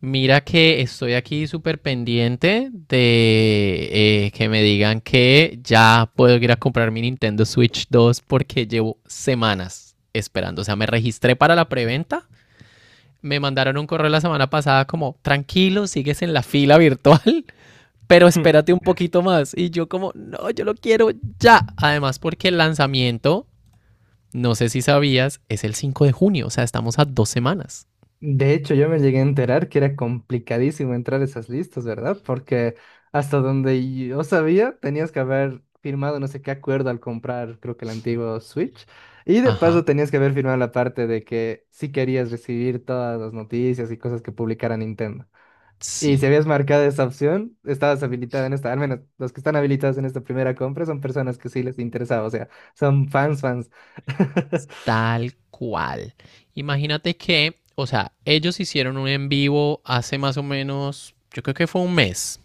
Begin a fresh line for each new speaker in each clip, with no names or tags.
Mira que estoy aquí súper pendiente de que me digan que ya puedo ir a comprar mi Nintendo Switch 2 porque llevo semanas esperando. O sea, me registré para la preventa. Me mandaron un correo la semana pasada como, tranquilo, sigues en la fila virtual, pero
Mm,
espérate un poquito más. Y yo como, no, yo lo quiero ya. Además, porque el lanzamiento, no sé si sabías, es el 5 de junio. O sea, estamos a 2 semanas.
De hecho, yo me llegué a enterar que era complicadísimo entrar a esas listas, ¿verdad? Porque hasta donde yo sabía, tenías que haber firmado no sé qué acuerdo al comprar, creo que el antiguo Switch. Y de
Ajá,
paso tenías que haber firmado la parte de que sí querías recibir todas las noticias y cosas que publicara Nintendo. Y si
sí.
habías marcado esa opción, estabas habilitada en esta, al menos los que están habilitados en esta primera compra son personas que sí les interesaba, o sea, son fans, fans.
Tal cual. Imagínate que, o sea, ellos hicieron un en vivo hace más o menos, yo creo que fue un mes.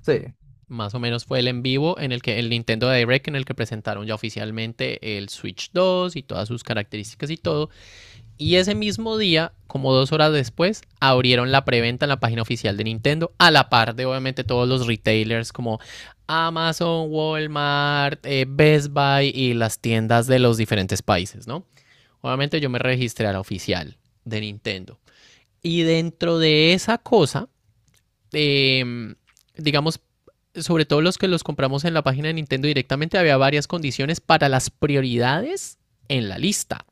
Sí.
Más o menos fue el en vivo en el que el Nintendo Direct en el que presentaron ya oficialmente el Switch 2 y todas sus características y todo. Y ese mismo día, como 2 horas después, abrieron la preventa en la página oficial de Nintendo, a la par de obviamente todos los retailers como Amazon, Walmart, Best Buy y las tiendas de los diferentes países, ¿no? Obviamente yo me registré a la oficial de Nintendo. Y dentro de esa cosa, eh, digamos, sobre todo los que los compramos en la página de Nintendo directamente, había varias condiciones para las prioridades en la lista.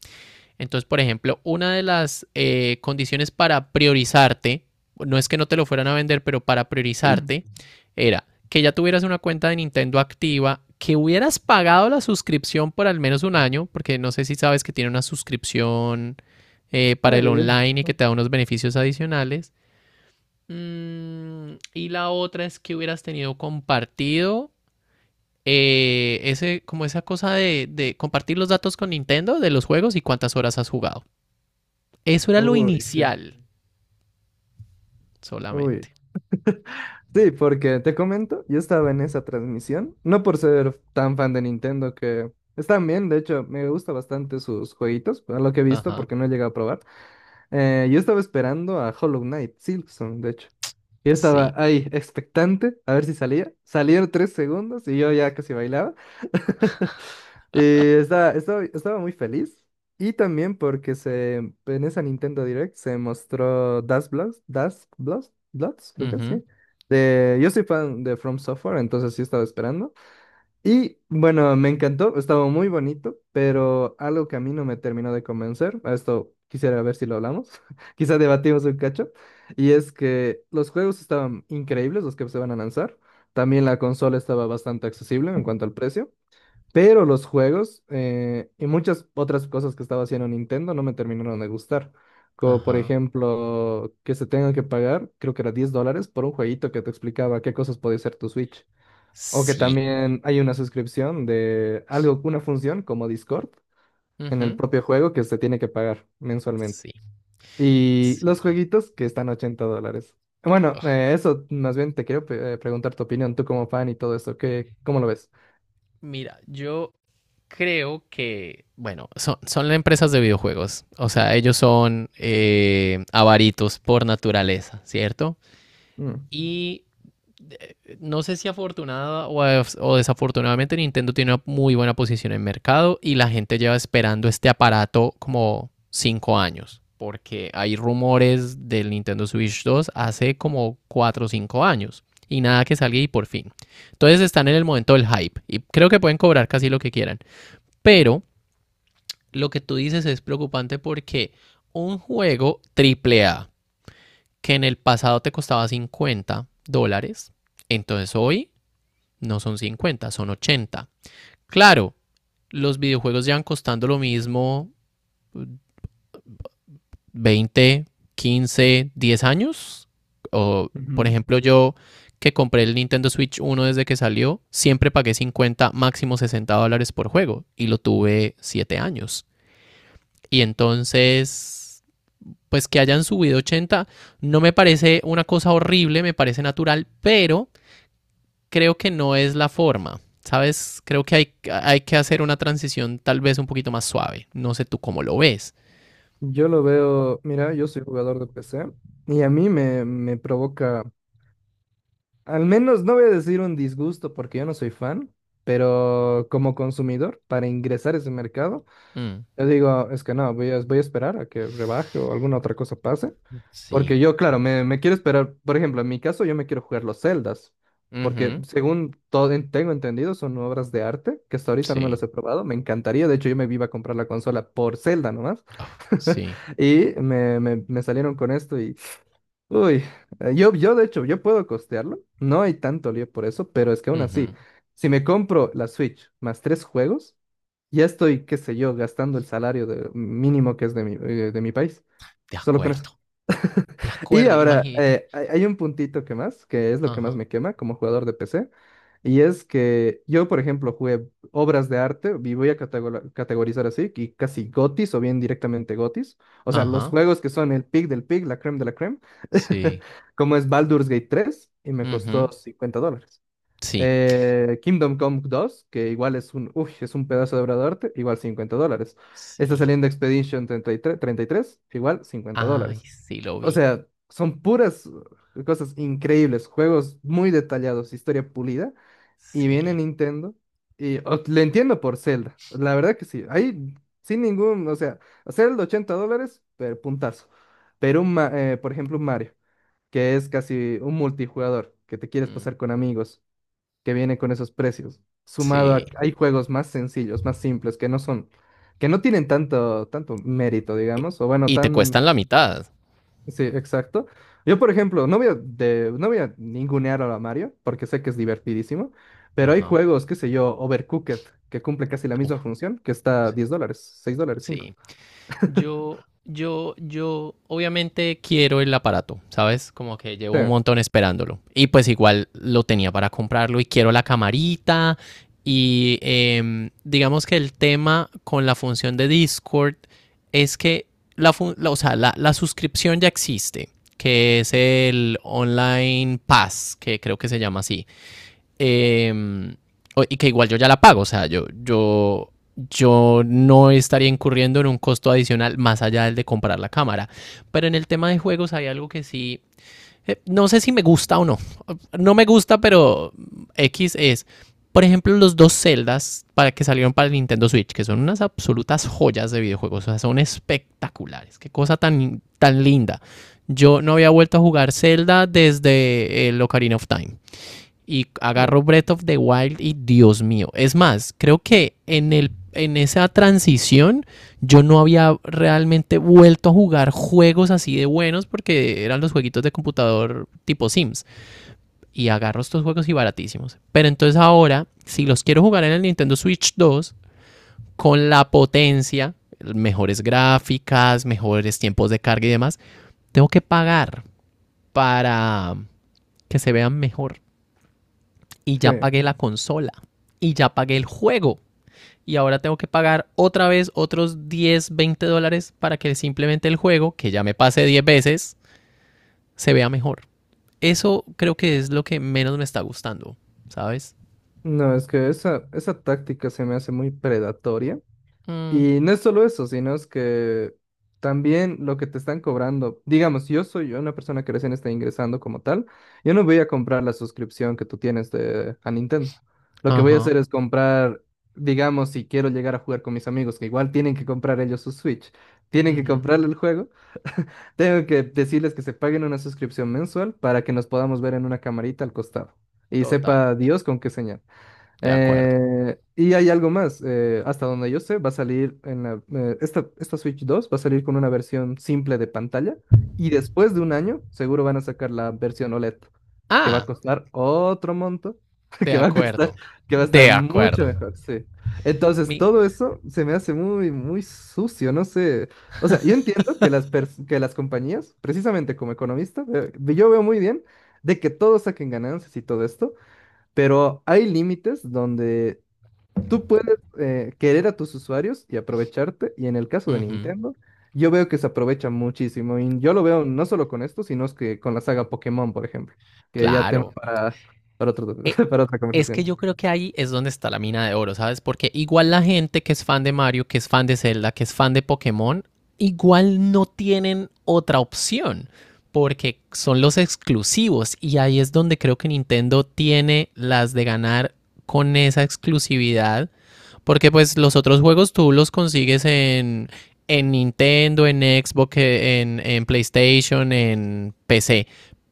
Entonces, por ejemplo, una de las condiciones para priorizarte, no es que no te lo fueran a vender, pero para priorizarte, era que ya tuvieras una cuenta de Nintendo activa, que hubieras pagado la suscripción por al menos un año, porque no sé si sabes que tiene una suscripción para
Ay,
el
ay,
online y que
ay.
te da unos beneficios adicionales. Y la otra es que hubieras tenido compartido ese, como esa cosa de compartir los datos con Nintendo de los juegos y cuántas horas has jugado. Eso era lo
Uy, sí.
inicial
Uy.
solamente.
Sí, porque te comento, yo estaba en esa transmisión, no por ser tan fan de Nintendo, que están bien, de hecho, me gusta bastante sus jueguitos, a lo que he visto,
Ajá.
porque no he llegado a probar. Yo estaba esperando a Hollow Knight, Silksong, de hecho. Yo estaba
Sí.
ahí expectante a ver si salía. Salieron 3 segundos y yo ya casi bailaba. Y estaba muy feliz. Y también porque en esa Nintendo Direct se mostró Dust Bloods, Dust Bloods, Bloods, creo que
Ujú.
sí. Yo soy fan de From Software, entonces sí estaba esperando. Y bueno, me encantó, estaba muy bonito, pero algo que a mí no me terminó de convencer, a esto quisiera ver si lo hablamos, quizá debatimos un cacho, y es que los juegos estaban increíbles, los que se van a lanzar, también la consola estaba bastante accesible en cuanto al precio, pero los juegos y muchas otras cosas que estaba haciendo Nintendo no me terminaron de gustar, como por
Ajá.
ejemplo que se tengan que pagar, creo que era 10 dólares por un jueguito que te explicaba qué cosas podía hacer tu Switch. O que
Sí.
también hay una suscripción de algo, una función como Discord en el
Ujú.
propio juego que se tiene que pagar mensualmente.
Sí,
Y los
sí.
jueguitos que están a 80 dólares. Bueno,
Ugh,
eso más bien te quiero preguntar tu opinión, tú como fan y todo eso, ¿qué, cómo lo ves?
mira, yo creo que, bueno, son empresas de videojuegos. O sea, ellos son avaritos por naturaleza, ¿cierto?
Mm.
Y no sé si afortunada o desafortunadamente Nintendo tiene una muy buena posición en mercado y la gente lleva esperando este aparato como 5 años, porque hay rumores del Nintendo Switch 2 hace como 4 o 5 años y nada que salga y por fin. Entonces están en el momento del hype y creo que pueden cobrar casi lo que quieran, pero lo que tú dices es preocupante porque un juego triple A que en el pasado te costaba $50, entonces hoy no son 50, son 80. Claro, los videojuegos llevan costando lo mismo 20, 15, 10 años. O, por
Ujú.
ejemplo, yo que compré el Nintendo Switch uno desde que salió, siempre pagué $50 máximo $60 por juego y lo tuve 7 años. Y entonces, pues que hayan subido 80 no me parece una cosa horrible, me parece natural, pero creo que no es la forma. ¿Sabes? Creo que hay que hacer una transición tal vez un poquito más suave. No sé tú cómo lo ves.
Yo lo veo, mira, yo soy jugador de PC y a mí me provoca, al menos no voy a decir un disgusto porque yo no soy fan, pero como consumidor, para ingresar a ese mercado,
Mm,
yo digo, es que no, voy a esperar a que rebaje o alguna otra cosa pase.
sí.
Porque yo, claro, me quiero esperar. Por ejemplo, en mi caso, yo me quiero jugar los celdas porque
Ujú.
según todo tengo entendido, son obras de arte que hasta ahorita no me las
Sí.
he probado. Me encantaría. De hecho, yo me iba a comprar la consola por Zelda nomás.
Ah, sí.
Y me salieron con esto y. Uy, yo de hecho, yo puedo costearlo. No hay tanto lío por eso, pero es que aún así,
Ujú.
si me compro la Switch más tres juegos. Ya estoy, qué sé yo, gastando el salario mínimo que es de mi país,
De
solo con eso.
acuerdo. De
Y
acuerdo,
ahora,
imagínate.
hay un puntito que más, que es lo que más
Ajá,
me quema como jugador de PC, y es que yo, por ejemplo, jugué obras de arte, y voy a categorizar así, y casi gotis o bien directamente gotis, o sea, los
ajá.
juegos que son el pick del pick, la creme de la creme,
Sí.
como es Baldur's Gate 3 y me
Ujú.
costó 50 dólares.
Sí.
Kingdom Come 2, que igual es un pedazo de obra de arte, igual 50 dólares. Está
Sí.
saliendo Expedition 33, 33, igual 50
Ay,
dólares.
sí lo
O
vi.
sea, son puras cosas increíbles, juegos muy detallados, historia pulida, y viene
Sí.
Nintendo, y le entiendo por Zelda, la verdad que sí, ahí sin ningún, o sea, Zelda 80 dólares, pero puntazo. Pero por ejemplo, un Mario, que es casi un multijugador, que te quieres
Mm,
pasar con amigos que viene con esos precios. Sumado
sí.
a, hay juegos más sencillos, más simples, que no son, que no tienen tanto, tanto mérito,
Y,
digamos, o bueno,
y te
tan,
cuestan la mitad.
sí, exacto. Yo, por ejemplo, no voy a ningunear a Mario, porque sé que es divertidísimo, pero hay
Ajá.
juegos, qué sé yo, Overcooked, que cumple casi la misma
Uf,
función, que está a 10 dólares, 6 dólares, cinco.
sí. Yo obviamente quiero el aparato, ¿sabes? Como que
Sí,
llevo un montón esperándolo. Y pues igual lo tenía para comprarlo y quiero la camarita. Y digamos que el tema con la función de Discord es que o sea, la suscripción ya existe, que es el Online Pass, que creo que se llama así, eh, y que igual yo ya la pago, o sea, yo no estaría incurriendo en un costo adicional más allá del de comprar la cámara. Pero en el tema de juegos hay algo que sí, no sé si me gusta o no, no me gusta, pero X es. Por ejemplo, los dos Zeldas para que salieron para el Nintendo Switch, que son unas absolutas joyas de videojuegos, o sea, son espectaculares. Qué cosa tan, tan linda. Yo no había vuelto a jugar Zelda desde el Ocarina of Time y
uh,
agarro Breath of the Wild y Dios mío. Es más, creo que en esa transición yo no había realmente vuelto a jugar juegos así de buenos porque eran los jueguitos de computador tipo Sims. Y agarro estos juegos y baratísimos. Pero entonces ahora, si los quiero jugar en el Nintendo Switch 2, con la potencia, mejores gráficas, mejores tiempos de carga y demás, tengo que pagar para que se vean mejor. Y ya
sí.
pagué la consola y ya pagué el juego. Y ahora tengo que pagar otra vez otros 10 20 dólares para que simplemente el juego, que ya me pase 10 veces, se vea mejor. Eso creo que es lo que menos me está gustando, ¿sabes?
No, es que esa táctica se me hace muy predatoria.
Mm,
Y no es solo eso, sino es que también lo que te están cobrando, digamos, yo soy una persona que recién está ingresando como tal, yo no voy a comprar la suscripción que tú tienes a Nintendo. Lo que voy a
ajá.
hacer es comprar, digamos, si quiero llegar a jugar con mis amigos, que igual tienen que comprar ellos su Switch, tienen que
Ujú.
comprarle el juego, tengo que decirles que se paguen una suscripción mensual para que nos podamos ver en una camarita al costado. Y
Total.
sepa Dios con qué señal.
De acuerdo.
Y hay algo más, hasta donde yo sé, va a salir en esta Switch 2 va a salir con una versión simple de pantalla y después de un año seguro van a sacar la versión OLED, que va a
Ah,
costar otro monto,
de
que va a costar,
acuerdo.
que va a estar
De
mucho
acuerdo.
mejor, sí. Entonces,
Mi.
todo eso se me hace muy, muy sucio, no sé. O sea, yo entiendo que que las compañías, precisamente como economista, yo veo muy bien de que todos saquen ganancias y todo esto. Pero hay límites donde tú puedes querer a tus usuarios y aprovecharte. Y en el caso de
Ujú.
Nintendo, yo veo que se aprovecha muchísimo. Y yo lo veo no solo con esto, sino es que con la saga Pokémon, por ejemplo. Que ya tema
Claro.
para, otro-
Eh,
para otra
Es que
conversación.
yo creo que ahí es donde está la mina de oro, ¿sabes? Porque igual la gente que es fan de Mario, que es fan de Zelda, que es fan de Pokémon, igual no tienen otra opción, porque son los exclusivos y ahí es donde creo que Nintendo tiene las de ganar con esa exclusividad porque pues los otros juegos tú los consigues en Nintendo, en Xbox, en PlayStation, en PC.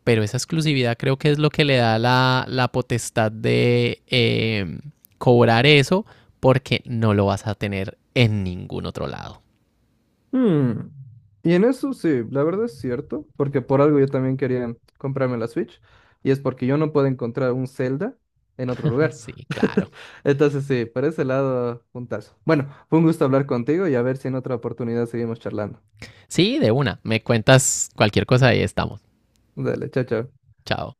Pero esa exclusividad creo que es lo que le da la potestad de cobrar eso porque no lo vas a tener en ningún otro lado.
Hmm. Y en eso sí, la verdad es cierto. Porque por algo yo también quería comprarme la Switch. Y es porque yo no puedo encontrar un Zelda en otro lugar.
Sí, claro.
Entonces sí, por ese lado, puntazo. Bueno, fue un gusto hablar contigo y a ver si en otra oportunidad seguimos charlando.
Sí, de una. Me cuentas cualquier cosa y estamos.
Dale, chao, chao.
Chao.